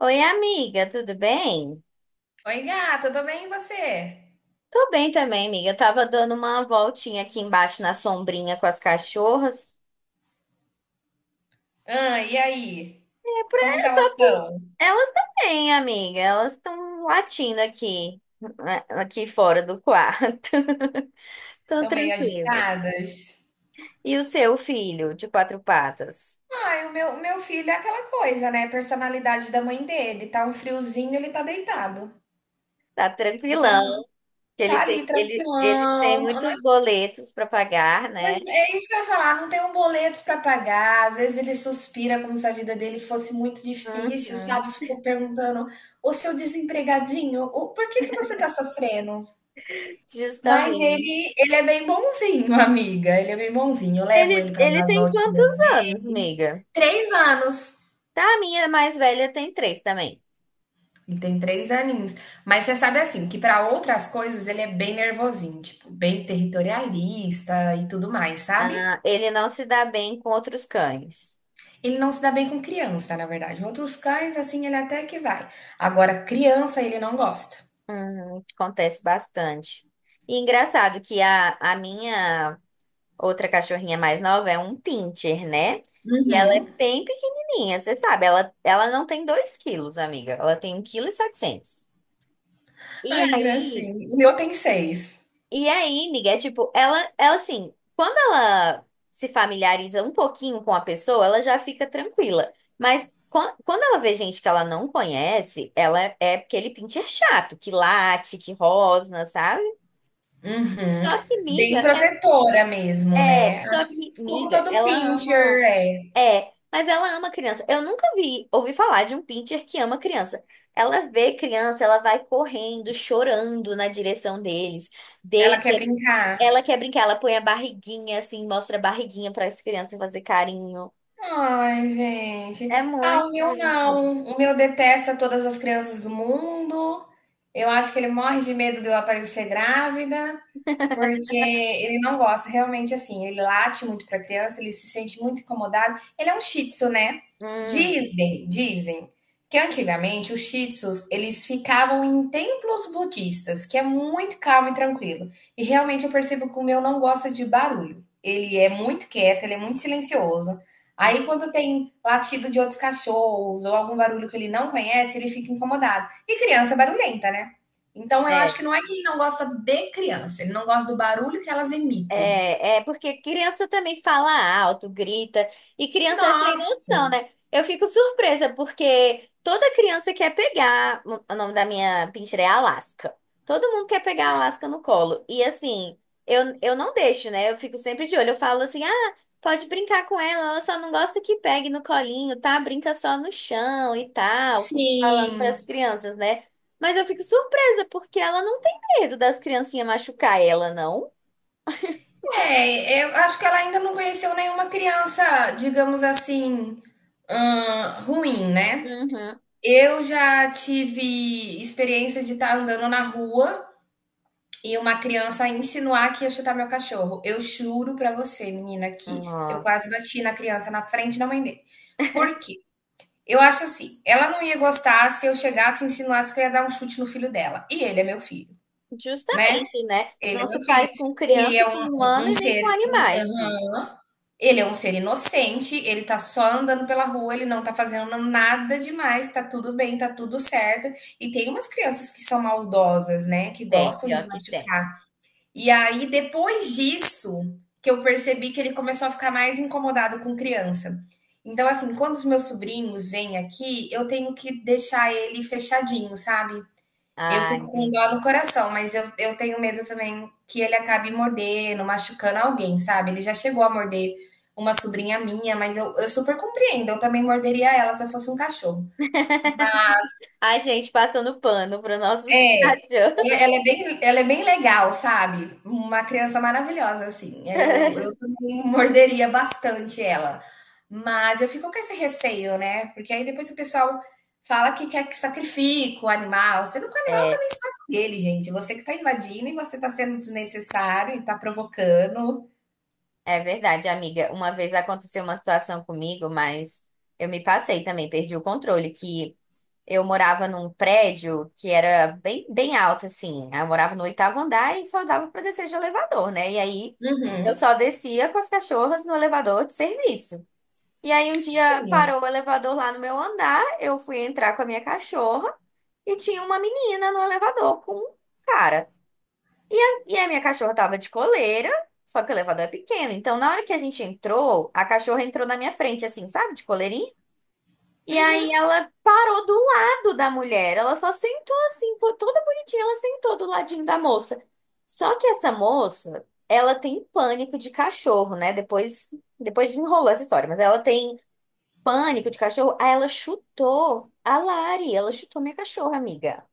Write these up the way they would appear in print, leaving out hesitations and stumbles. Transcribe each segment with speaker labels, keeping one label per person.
Speaker 1: Oi, amiga, tudo bem?
Speaker 2: Oi, gata, tudo bem e você?
Speaker 1: Tô bem também, amiga. Eu tava dando uma voltinha aqui embaixo na sombrinha com as cachorras.
Speaker 2: Ah, e aí?
Speaker 1: É pra,
Speaker 2: Como que elas
Speaker 1: só por...
Speaker 2: estão?
Speaker 1: Elas também, amiga. Elas estão latindo aqui, né, aqui fora do quarto. Tão
Speaker 2: Estão meio
Speaker 1: tranquila.
Speaker 2: agitadas?
Speaker 1: E o seu filho de quatro patas?
Speaker 2: Ai, meu filho é aquela coisa, né? Personalidade da mãe dele. Tá um friozinho, ele tá deitado.
Speaker 1: Tá tranquilão. Que Ele
Speaker 2: Tá ali,
Speaker 1: tem, ele tem
Speaker 2: tranquilão.
Speaker 1: muitos boletos pra pagar,
Speaker 2: Mas
Speaker 1: né?
Speaker 2: é isso que eu ia falar, não tem um boleto pra pagar. Às vezes ele suspira como se a vida dele fosse muito difícil,
Speaker 1: Uhum,
Speaker 2: sabe? Ficou perguntando, ô seu desempregadinho, por que que você tá sofrendo? Mas
Speaker 1: justamente.
Speaker 2: ele é bem bonzinho, amiga, ele é bem bonzinho. Eu levo
Speaker 1: Ele,
Speaker 2: ele para
Speaker 1: ele
Speaker 2: dar as
Speaker 1: tem
Speaker 2: voltinhas
Speaker 1: quantos
Speaker 2: dele.
Speaker 1: anos, amiga?
Speaker 2: 3 anos,
Speaker 1: Tá, a minha mais velha tem 3 também.
Speaker 2: ele tem 3 aninhos. Mas você sabe, assim, que para outras coisas ele é bem nervosinho, tipo, bem territorialista e tudo mais, sabe.
Speaker 1: Ah, ele não se dá bem com outros cães.
Speaker 2: Ele não se dá bem com criança, na verdade. Outros cães, assim, ele até que vai. Agora criança, ele não gosta.
Speaker 1: Acontece bastante. E engraçado que a minha outra cachorrinha mais nova é um pincher, né? E ela é
Speaker 2: Uhum.
Speaker 1: bem pequenininha, você sabe. Ela não tem 2 kg, amiga. Ela tem um quilo e setecentos. E
Speaker 2: Ai, que
Speaker 1: aí,
Speaker 2: gracinha. O meu tem 6.
Speaker 1: E aí, Miguel, tipo, ela assim, quando ela se familiariza um pouquinho com a pessoa, ela já fica tranquila. Mas quando ela vê gente que ela não conhece, ela é aquele pincher chato, que late, que rosna, sabe?
Speaker 2: Uhum.
Speaker 1: Só que miga
Speaker 2: Bem
Speaker 1: é,
Speaker 2: protetora mesmo, né.
Speaker 1: só
Speaker 2: Acho
Speaker 1: que
Speaker 2: que como
Speaker 1: miga,
Speaker 2: todo
Speaker 1: ela
Speaker 2: pincher
Speaker 1: ama,
Speaker 2: é.
Speaker 1: é, mas ela ama criança. Eu nunca vi, ouvi falar de um pincher que ama criança. Ela vê criança, ela vai correndo, chorando na direção deles.
Speaker 2: Ela
Speaker 1: Deita,
Speaker 2: quer brincar.
Speaker 1: ela quer brincar, ela põe a barriguinha assim, mostra a barriguinha para as crianças fazer carinho.
Speaker 2: Ai,
Speaker 1: É
Speaker 2: gente. Ah,
Speaker 1: muito
Speaker 2: o meu
Speaker 1: bonitinho.
Speaker 2: não. O meu detesta todas as crianças do mundo. Eu acho que ele morre de medo de eu aparecer grávida. Porque ele não gosta, realmente assim, ele late muito para a criança, ele se sente muito incomodado. Ele é um shih tzu, né?
Speaker 1: Hum,
Speaker 2: Dizem que antigamente os shih tzus, eles ficavam em templos budistas, que é muito calmo e tranquilo. E realmente eu percebo que o meu não gosta de barulho. Ele é muito quieto, ele é muito silencioso. Aí
Speaker 1: hum,
Speaker 2: quando tem latido de outros cachorros ou algum barulho que ele não conhece, ele fica incomodado. E criança é barulhenta, né? Então, eu acho
Speaker 1: é.
Speaker 2: que não é que ele não gosta de criança, ele não gosta do barulho que elas emitem.
Speaker 1: É, é porque criança também fala alto, grita, e criança é sem
Speaker 2: Nossa,
Speaker 1: noção, né? Eu fico surpresa, porque toda criança quer pegar. O nome da minha pincher é Alaska. Todo mundo quer pegar a Alaska no colo. E assim, eu não deixo, né? Eu fico sempre de olho. Eu falo assim: ah, pode brincar com ela, ela só não gosta que pegue no colinho, tá? Brinca só no chão e tal. Fico falando para
Speaker 2: sim.
Speaker 1: as crianças, né? Mas eu fico surpresa, porque ela não tem medo das criancinhas machucar ela, não.
Speaker 2: É, eu acho que ela ainda não conheceu nenhuma criança, digamos assim, ruim, né?
Speaker 1: Uhum.
Speaker 2: Eu já tive experiência de estar andando na rua e uma criança insinuar que ia chutar meu cachorro. Eu juro pra você, menina, que eu
Speaker 1: Nossa.
Speaker 2: quase bati na criança na frente da mãe dele. Por quê? Eu acho assim, ela não ia gostar se eu chegasse e insinuasse que eu ia dar um chute no filho dela. E ele é meu filho, né?
Speaker 1: Justamente, né?
Speaker 2: Ele é
Speaker 1: Não
Speaker 2: meu
Speaker 1: se
Speaker 2: filho.
Speaker 1: faz com criança,
Speaker 2: Ele é um,
Speaker 1: com
Speaker 2: um-
Speaker 1: humano
Speaker 2: um
Speaker 1: e nem
Speaker 2: ser,
Speaker 1: com animais, Gui.
Speaker 2: aham, ele é um ser inocente, ele tá só andando pela rua, ele não tá fazendo nada demais, tá tudo bem, tá tudo certo. E tem umas crianças que são maldosas, né, que
Speaker 1: Tem,
Speaker 2: gostam de
Speaker 1: pior que tem.
Speaker 2: machucar. E aí, depois disso, que eu percebi que ele começou a ficar mais incomodado com criança. Então, assim, quando os meus sobrinhos vêm aqui, eu tenho que deixar ele fechadinho, sabe? Eu
Speaker 1: Ah,
Speaker 2: fico com
Speaker 1: entendi.
Speaker 2: dó no coração, mas eu tenho medo também que ele acabe mordendo, machucando alguém, sabe? Ele já chegou a morder uma sobrinha minha, mas eu super compreendo, eu também morderia ela se eu fosse um cachorro.
Speaker 1: Ai, gente, passando pano para nossos
Speaker 2: É,
Speaker 1: cachorros.
Speaker 2: ela é bem legal, sabe. Uma criança maravilhosa, assim. Eu também morderia bastante ela. Mas eu fico com esse receio, né, porque aí depois o pessoal fala que quer que sacrifica o animal, sendo que o animal
Speaker 1: É,
Speaker 2: também é espaço dele, gente. Você que está invadindo e você está sendo desnecessário e está provocando.
Speaker 1: é verdade, amiga. Uma vez aconteceu uma situação comigo, mas eu me passei também, perdi o controle, que eu morava num prédio que era bem, bem alto, assim. Eu morava no oitavo andar e só dava para descer de elevador, né? E aí eu
Speaker 2: Uhum.
Speaker 1: só descia com as cachorras no elevador de serviço. E aí um dia
Speaker 2: Sim.
Speaker 1: parou o elevador lá no meu andar, eu fui entrar com a minha cachorra e tinha uma menina no elevador com um cara. E a minha cachorra tava de coleira, só que o elevador é pequeno. Então na hora que a gente entrou, a cachorra entrou na minha frente, assim, sabe, de coleirinha. E aí ela parou do lado da mulher. Ela só sentou assim, foi toda bonitinha, ela sentou do ladinho da moça. Só que essa moça, ela tem pânico de cachorro, né? Depois desenrolou essa história, mas ela tem pânico de cachorro. Aí ela chutou a Lari, ela chutou minha cachorra, amiga.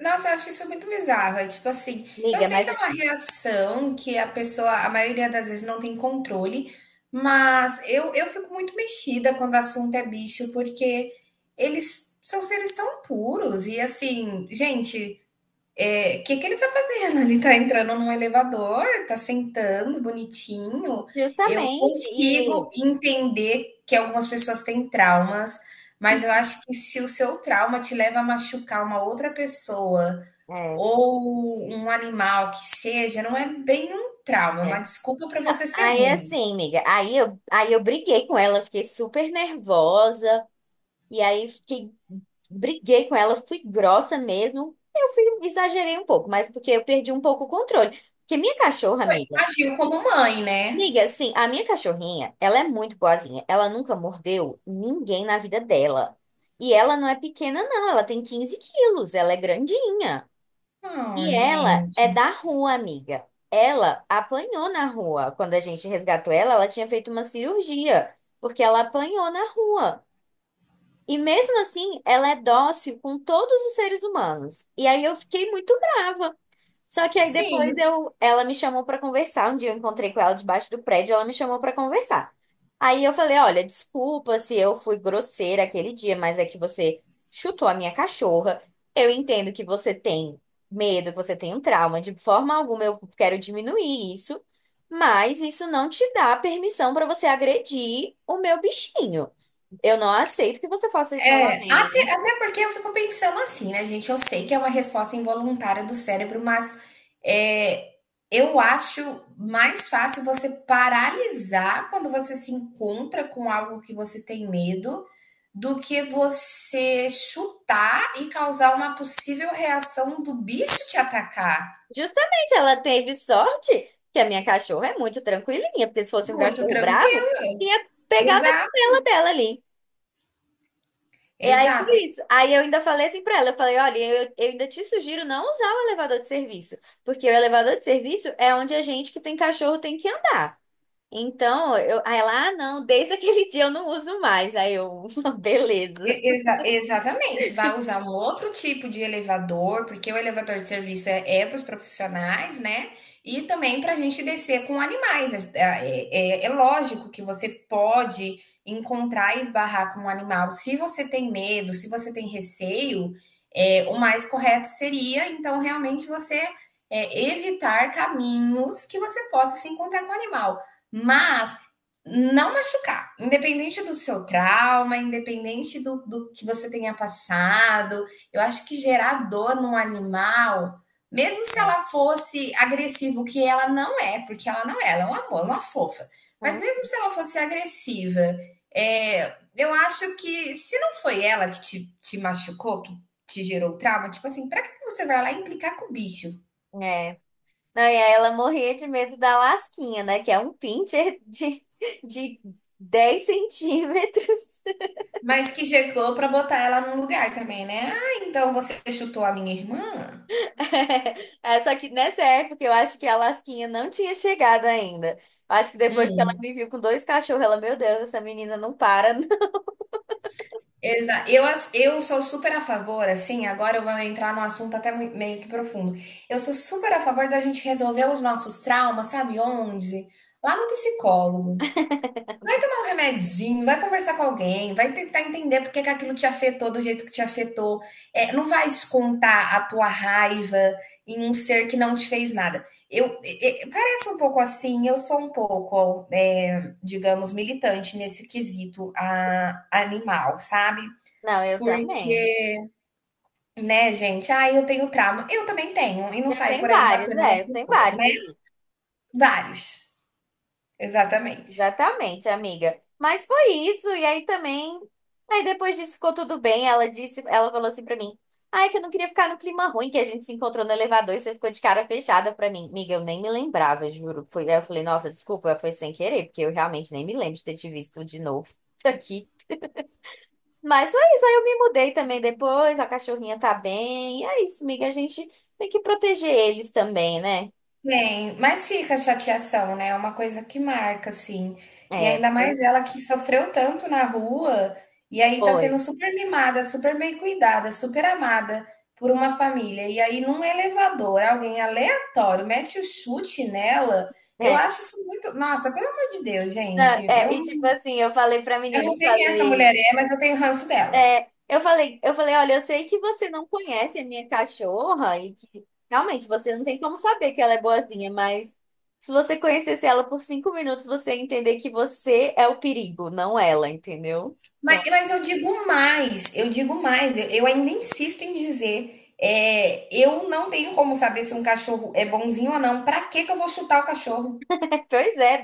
Speaker 2: Nossa, eu acho isso muito bizarro. É tipo assim, eu
Speaker 1: Amiga,
Speaker 2: sei
Speaker 1: mas
Speaker 2: que é
Speaker 1: é,
Speaker 2: uma reação que a pessoa, a maioria das vezes, não tem controle, mas eu fico muito mexida quando o assunto é bicho, porque eles são seres tão puros e assim, gente, o que que ele tá fazendo? Ele tá entrando num elevador, tá sentando bonitinho. Eu
Speaker 1: justamente, e
Speaker 2: consigo entender que algumas pessoas têm traumas, mas eu acho que se o seu trauma te leva a machucar uma outra pessoa
Speaker 1: é,
Speaker 2: ou um animal que seja, não é bem um trauma, é
Speaker 1: é.
Speaker 2: uma desculpa para
Speaker 1: Não,
Speaker 2: você ser
Speaker 1: aí
Speaker 2: ruim.
Speaker 1: assim, amiga, aí eu briguei com ela, fiquei super nervosa. E aí fiquei, briguei com ela, fui grossa mesmo. Eu fui, exagerei um pouco, mas porque eu perdi um pouco o controle. Porque minha cachorra, amiga,
Speaker 2: Agiu como mãe, né?
Speaker 1: amiga, assim, a minha cachorrinha, ela é muito boazinha. Ela nunca mordeu ninguém na vida dela. E ela não é pequena, não. Ela tem 15 kg, ela é grandinha. E
Speaker 2: Ai,
Speaker 1: ela
Speaker 2: gente.
Speaker 1: é da rua, amiga. Ela apanhou na rua. Quando a gente resgatou ela, ela tinha feito uma cirurgia, porque ela apanhou na rua. E mesmo assim, ela é dócil com todos os seres humanos. E aí eu fiquei muito brava. Só que aí depois
Speaker 2: Sim,
Speaker 1: eu, ela me chamou pra conversar. Um dia eu encontrei com ela debaixo do prédio, ela me chamou pra conversar. Aí eu falei, olha, desculpa se eu fui grosseira aquele dia, mas é que você chutou a minha cachorra. Eu entendo que você tem medo, que você tem um trauma. De forma alguma eu quero diminuir isso, mas isso não te dá permissão pra você agredir o meu bichinho. Eu não aceito que você faça isso
Speaker 2: É, até,
Speaker 1: novamente.
Speaker 2: até porque eu fico pensando assim, né, gente? Eu sei que é uma resposta involuntária do cérebro, mas é, eu acho mais fácil você paralisar quando você se encontra com algo que você tem medo do que você chutar e causar uma possível reação do bicho te atacar.
Speaker 1: Justamente, ela teve sorte que a minha cachorra é muito tranquilinha, porque se fosse um
Speaker 2: Muito
Speaker 1: cachorro bravo,
Speaker 2: tranquilo.
Speaker 1: tinha pegado a
Speaker 2: Exato,
Speaker 1: canela dela ali. E aí foi
Speaker 2: exato.
Speaker 1: isso. Aí eu ainda falei assim pra ela, eu falei, olha, eu ainda te sugiro não usar o elevador de serviço, porque o elevador de serviço é onde a gente que tem cachorro tem que andar. Então, eu, aí ela, ah, não, desde aquele dia eu não uso mais. Aí eu, beleza.
Speaker 2: Exatamente, vai usar um outro tipo de elevador, porque o elevador de serviço é, para os profissionais, né? E também para a gente descer com animais. É lógico que você pode encontrar e esbarrar com um animal. Se você tem medo, se você tem receio, o mais correto seria, então, realmente evitar caminhos que você possa se encontrar com o animal. Mas não machucar, independente do seu trauma, independente do que você tenha passado, eu acho que gerar dor num animal, mesmo se
Speaker 1: É.
Speaker 2: ela fosse agressiva, o que ela não é, porque ela não é, ela é um amor, uma fofa, mas
Speaker 1: Hum.
Speaker 2: mesmo se ela fosse agressiva, eu acho que se não foi ela que te machucou, que te gerou trauma, tipo assim, pra que você vai lá implicar com o bicho?
Speaker 1: É. Não, e aí ela morria de medo da lasquinha, né? Que é um pincher de, 10 cm.
Speaker 2: Mas que chegou pra botar ela num lugar também, né? Ah, então você chutou a minha irmã?
Speaker 1: É, só que nessa época eu acho que a lasquinha não tinha chegado ainda. Eu acho que depois que ela
Speaker 2: Hum.
Speaker 1: me viu com dois cachorros, ela, meu Deus, essa menina não para.
Speaker 2: Exa eu ass eu sou super a favor, assim, agora eu vou entrar num assunto até mui meio que profundo. Eu sou super a favor da gente resolver os nossos traumas, sabe onde? Lá no psicólogo. Vai tomar um remedinho, vai conversar com alguém, vai tentar entender por que que aquilo te afetou do jeito que te afetou. É, não vai descontar a tua raiva em um ser que não te fez nada. Parece um pouco assim, eu sou um pouco, digamos, militante nesse quesito animal, sabe?
Speaker 1: Não, eu
Speaker 2: Porque,
Speaker 1: também.
Speaker 2: né, gente, ah, eu tenho trauma. Eu também tenho, e não
Speaker 1: Eu
Speaker 2: saio
Speaker 1: tenho
Speaker 2: por aí
Speaker 1: vários,
Speaker 2: batendo
Speaker 1: né?
Speaker 2: nas
Speaker 1: Eu tenho
Speaker 2: pessoas,
Speaker 1: vários.
Speaker 2: né?
Speaker 1: E
Speaker 2: Vários, exatamente.
Speaker 1: exatamente, amiga. Mas foi isso, e aí também. Aí depois disso ficou tudo bem. Ela disse, ela falou assim pra mim: Ai, que eu não queria ficar no clima ruim que a gente se encontrou no elevador e você ficou de cara fechada pra mim. Amiga, eu nem me lembrava, juro. Foi, aí eu falei, nossa, desculpa, foi sem querer, porque eu realmente nem me lembro de ter te visto de novo aqui. Mas foi isso, aí eu me mudei também depois, a cachorrinha tá bem. E é isso, amiga. A gente tem que proteger eles também, né?
Speaker 2: Tem, mas fica a chateação, né, é uma coisa que marca, assim. E
Speaker 1: É,
Speaker 2: ainda
Speaker 1: foi.
Speaker 2: mais ela que sofreu tanto na rua, e aí tá sendo
Speaker 1: Foi.
Speaker 2: super mimada, super bem cuidada, super amada por uma família, e aí num elevador, alguém aleatório mete o chute nela, eu
Speaker 1: É.
Speaker 2: acho isso muito nossa, pelo amor de Deus,
Speaker 1: Não,
Speaker 2: gente,
Speaker 1: é,
Speaker 2: eu
Speaker 1: e tipo assim, eu falei pra
Speaker 2: eu
Speaker 1: menina,
Speaker 2: não
Speaker 1: eu
Speaker 2: sei quem essa
Speaker 1: falei,
Speaker 2: mulher é, mas eu tenho ranço dela.
Speaker 1: é, eu falei, olha, eu sei que você não conhece a minha cachorra e que realmente você não tem como saber que ela é boazinha, mas se você conhecesse ela por 5 minutos, você ia entender que você é o perigo, não ela, entendeu?
Speaker 2: Mas,
Speaker 1: Então,
Speaker 2: mas eu digo mais, eu digo mais, eu ainda insisto em dizer, eu não tenho como saber se um cachorro é bonzinho ou não. Para que que eu vou chutar o cachorro?
Speaker 1: pois é,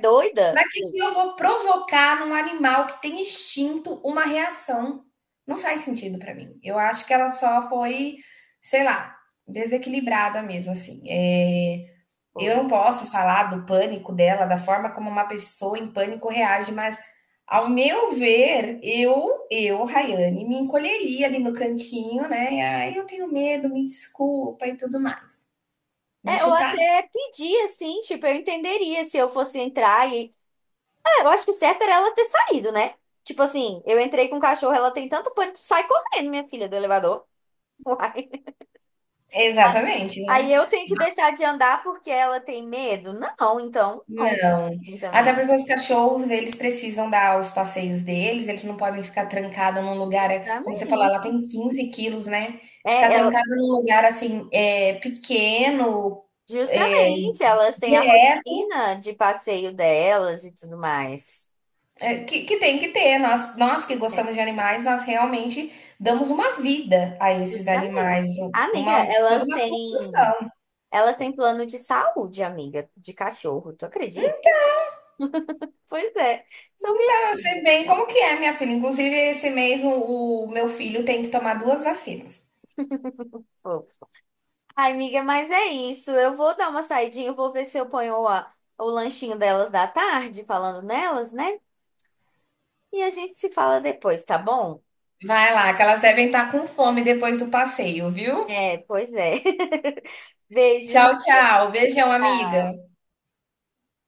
Speaker 2: Para
Speaker 1: doida.
Speaker 2: que que eu vou provocar num animal que tem instinto uma reação? Não faz sentido para mim. Eu acho que ela só foi, sei lá, desequilibrada mesmo, assim. É, eu
Speaker 1: Foi.
Speaker 2: não posso falar do pânico dela, da forma como uma pessoa em pânico reage, mas ao meu ver, eu, Rayane, me encolheria ali no cantinho, né? E, Ai, eu tenho medo, me desculpa e tudo mais. Mas
Speaker 1: É, ou
Speaker 2: chutar?
Speaker 1: até pedir, assim, tipo, eu entenderia se eu fosse entrar e eu acho que o certo era elas ter saído, né? Tipo assim, eu entrei com o cachorro, ela tem tanto pânico, sai correndo, minha filha, do elevador. Uai.
Speaker 2: Exatamente,
Speaker 1: Aí
Speaker 2: né?
Speaker 1: eu tenho que deixar de andar porque ela tem medo? Não, então não.
Speaker 2: Não.
Speaker 1: Tem.
Speaker 2: Até
Speaker 1: Também.
Speaker 2: porque os cachorros, eles precisam dar os passeios deles, eles não podem ficar trancados num lugar, como você falou,
Speaker 1: Também.
Speaker 2: ela tem 15 quilos, né? Ficar
Speaker 1: É, ela,
Speaker 2: trancada num lugar assim, pequeno, é,
Speaker 1: justamente, elas têm a
Speaker 2: direto.
Speaker 1: rotina de passeio delas e tudo mais.
Speaker 2: É, que tem que ter. Nós que
Speaker 1: É,
Speaker 2: gostamos de animais, nós realmente damos uma vida a esses
Speaker 1: justamente.
Speaker 2: animais,
Speaker 1: Amiga,
Speaker 2: toda uma construção.
Speaker 1: elas têm plano de saúde, amiga, de cachorro, tu acredita? Pois é, são
Speaker 2: Então,
Speaker 1: minhas
Speaker 2: eu sei
Speaker 1: filhas.
Speaker 2: bem como que é, minha filha. Inclusive, esse mês o meu filho tem que tomar duas vacinas.
Speaker 1: Fofas. Ai, amiga, mas é isso. Eu vou dar uma saidinha, eu vou ver se eu ponho o lanchinho delas da tarde, falando nelas, né? E a gente se fala depois, tá bom?
Speaker 2: Vai lá, que elas devem estar com fome depois do passeio, viu?
Speaker 1: É, pois é. Beijo e
Speaker 2: Tchau, tchau. Beijão, amiga.
Speaker 1: tchau.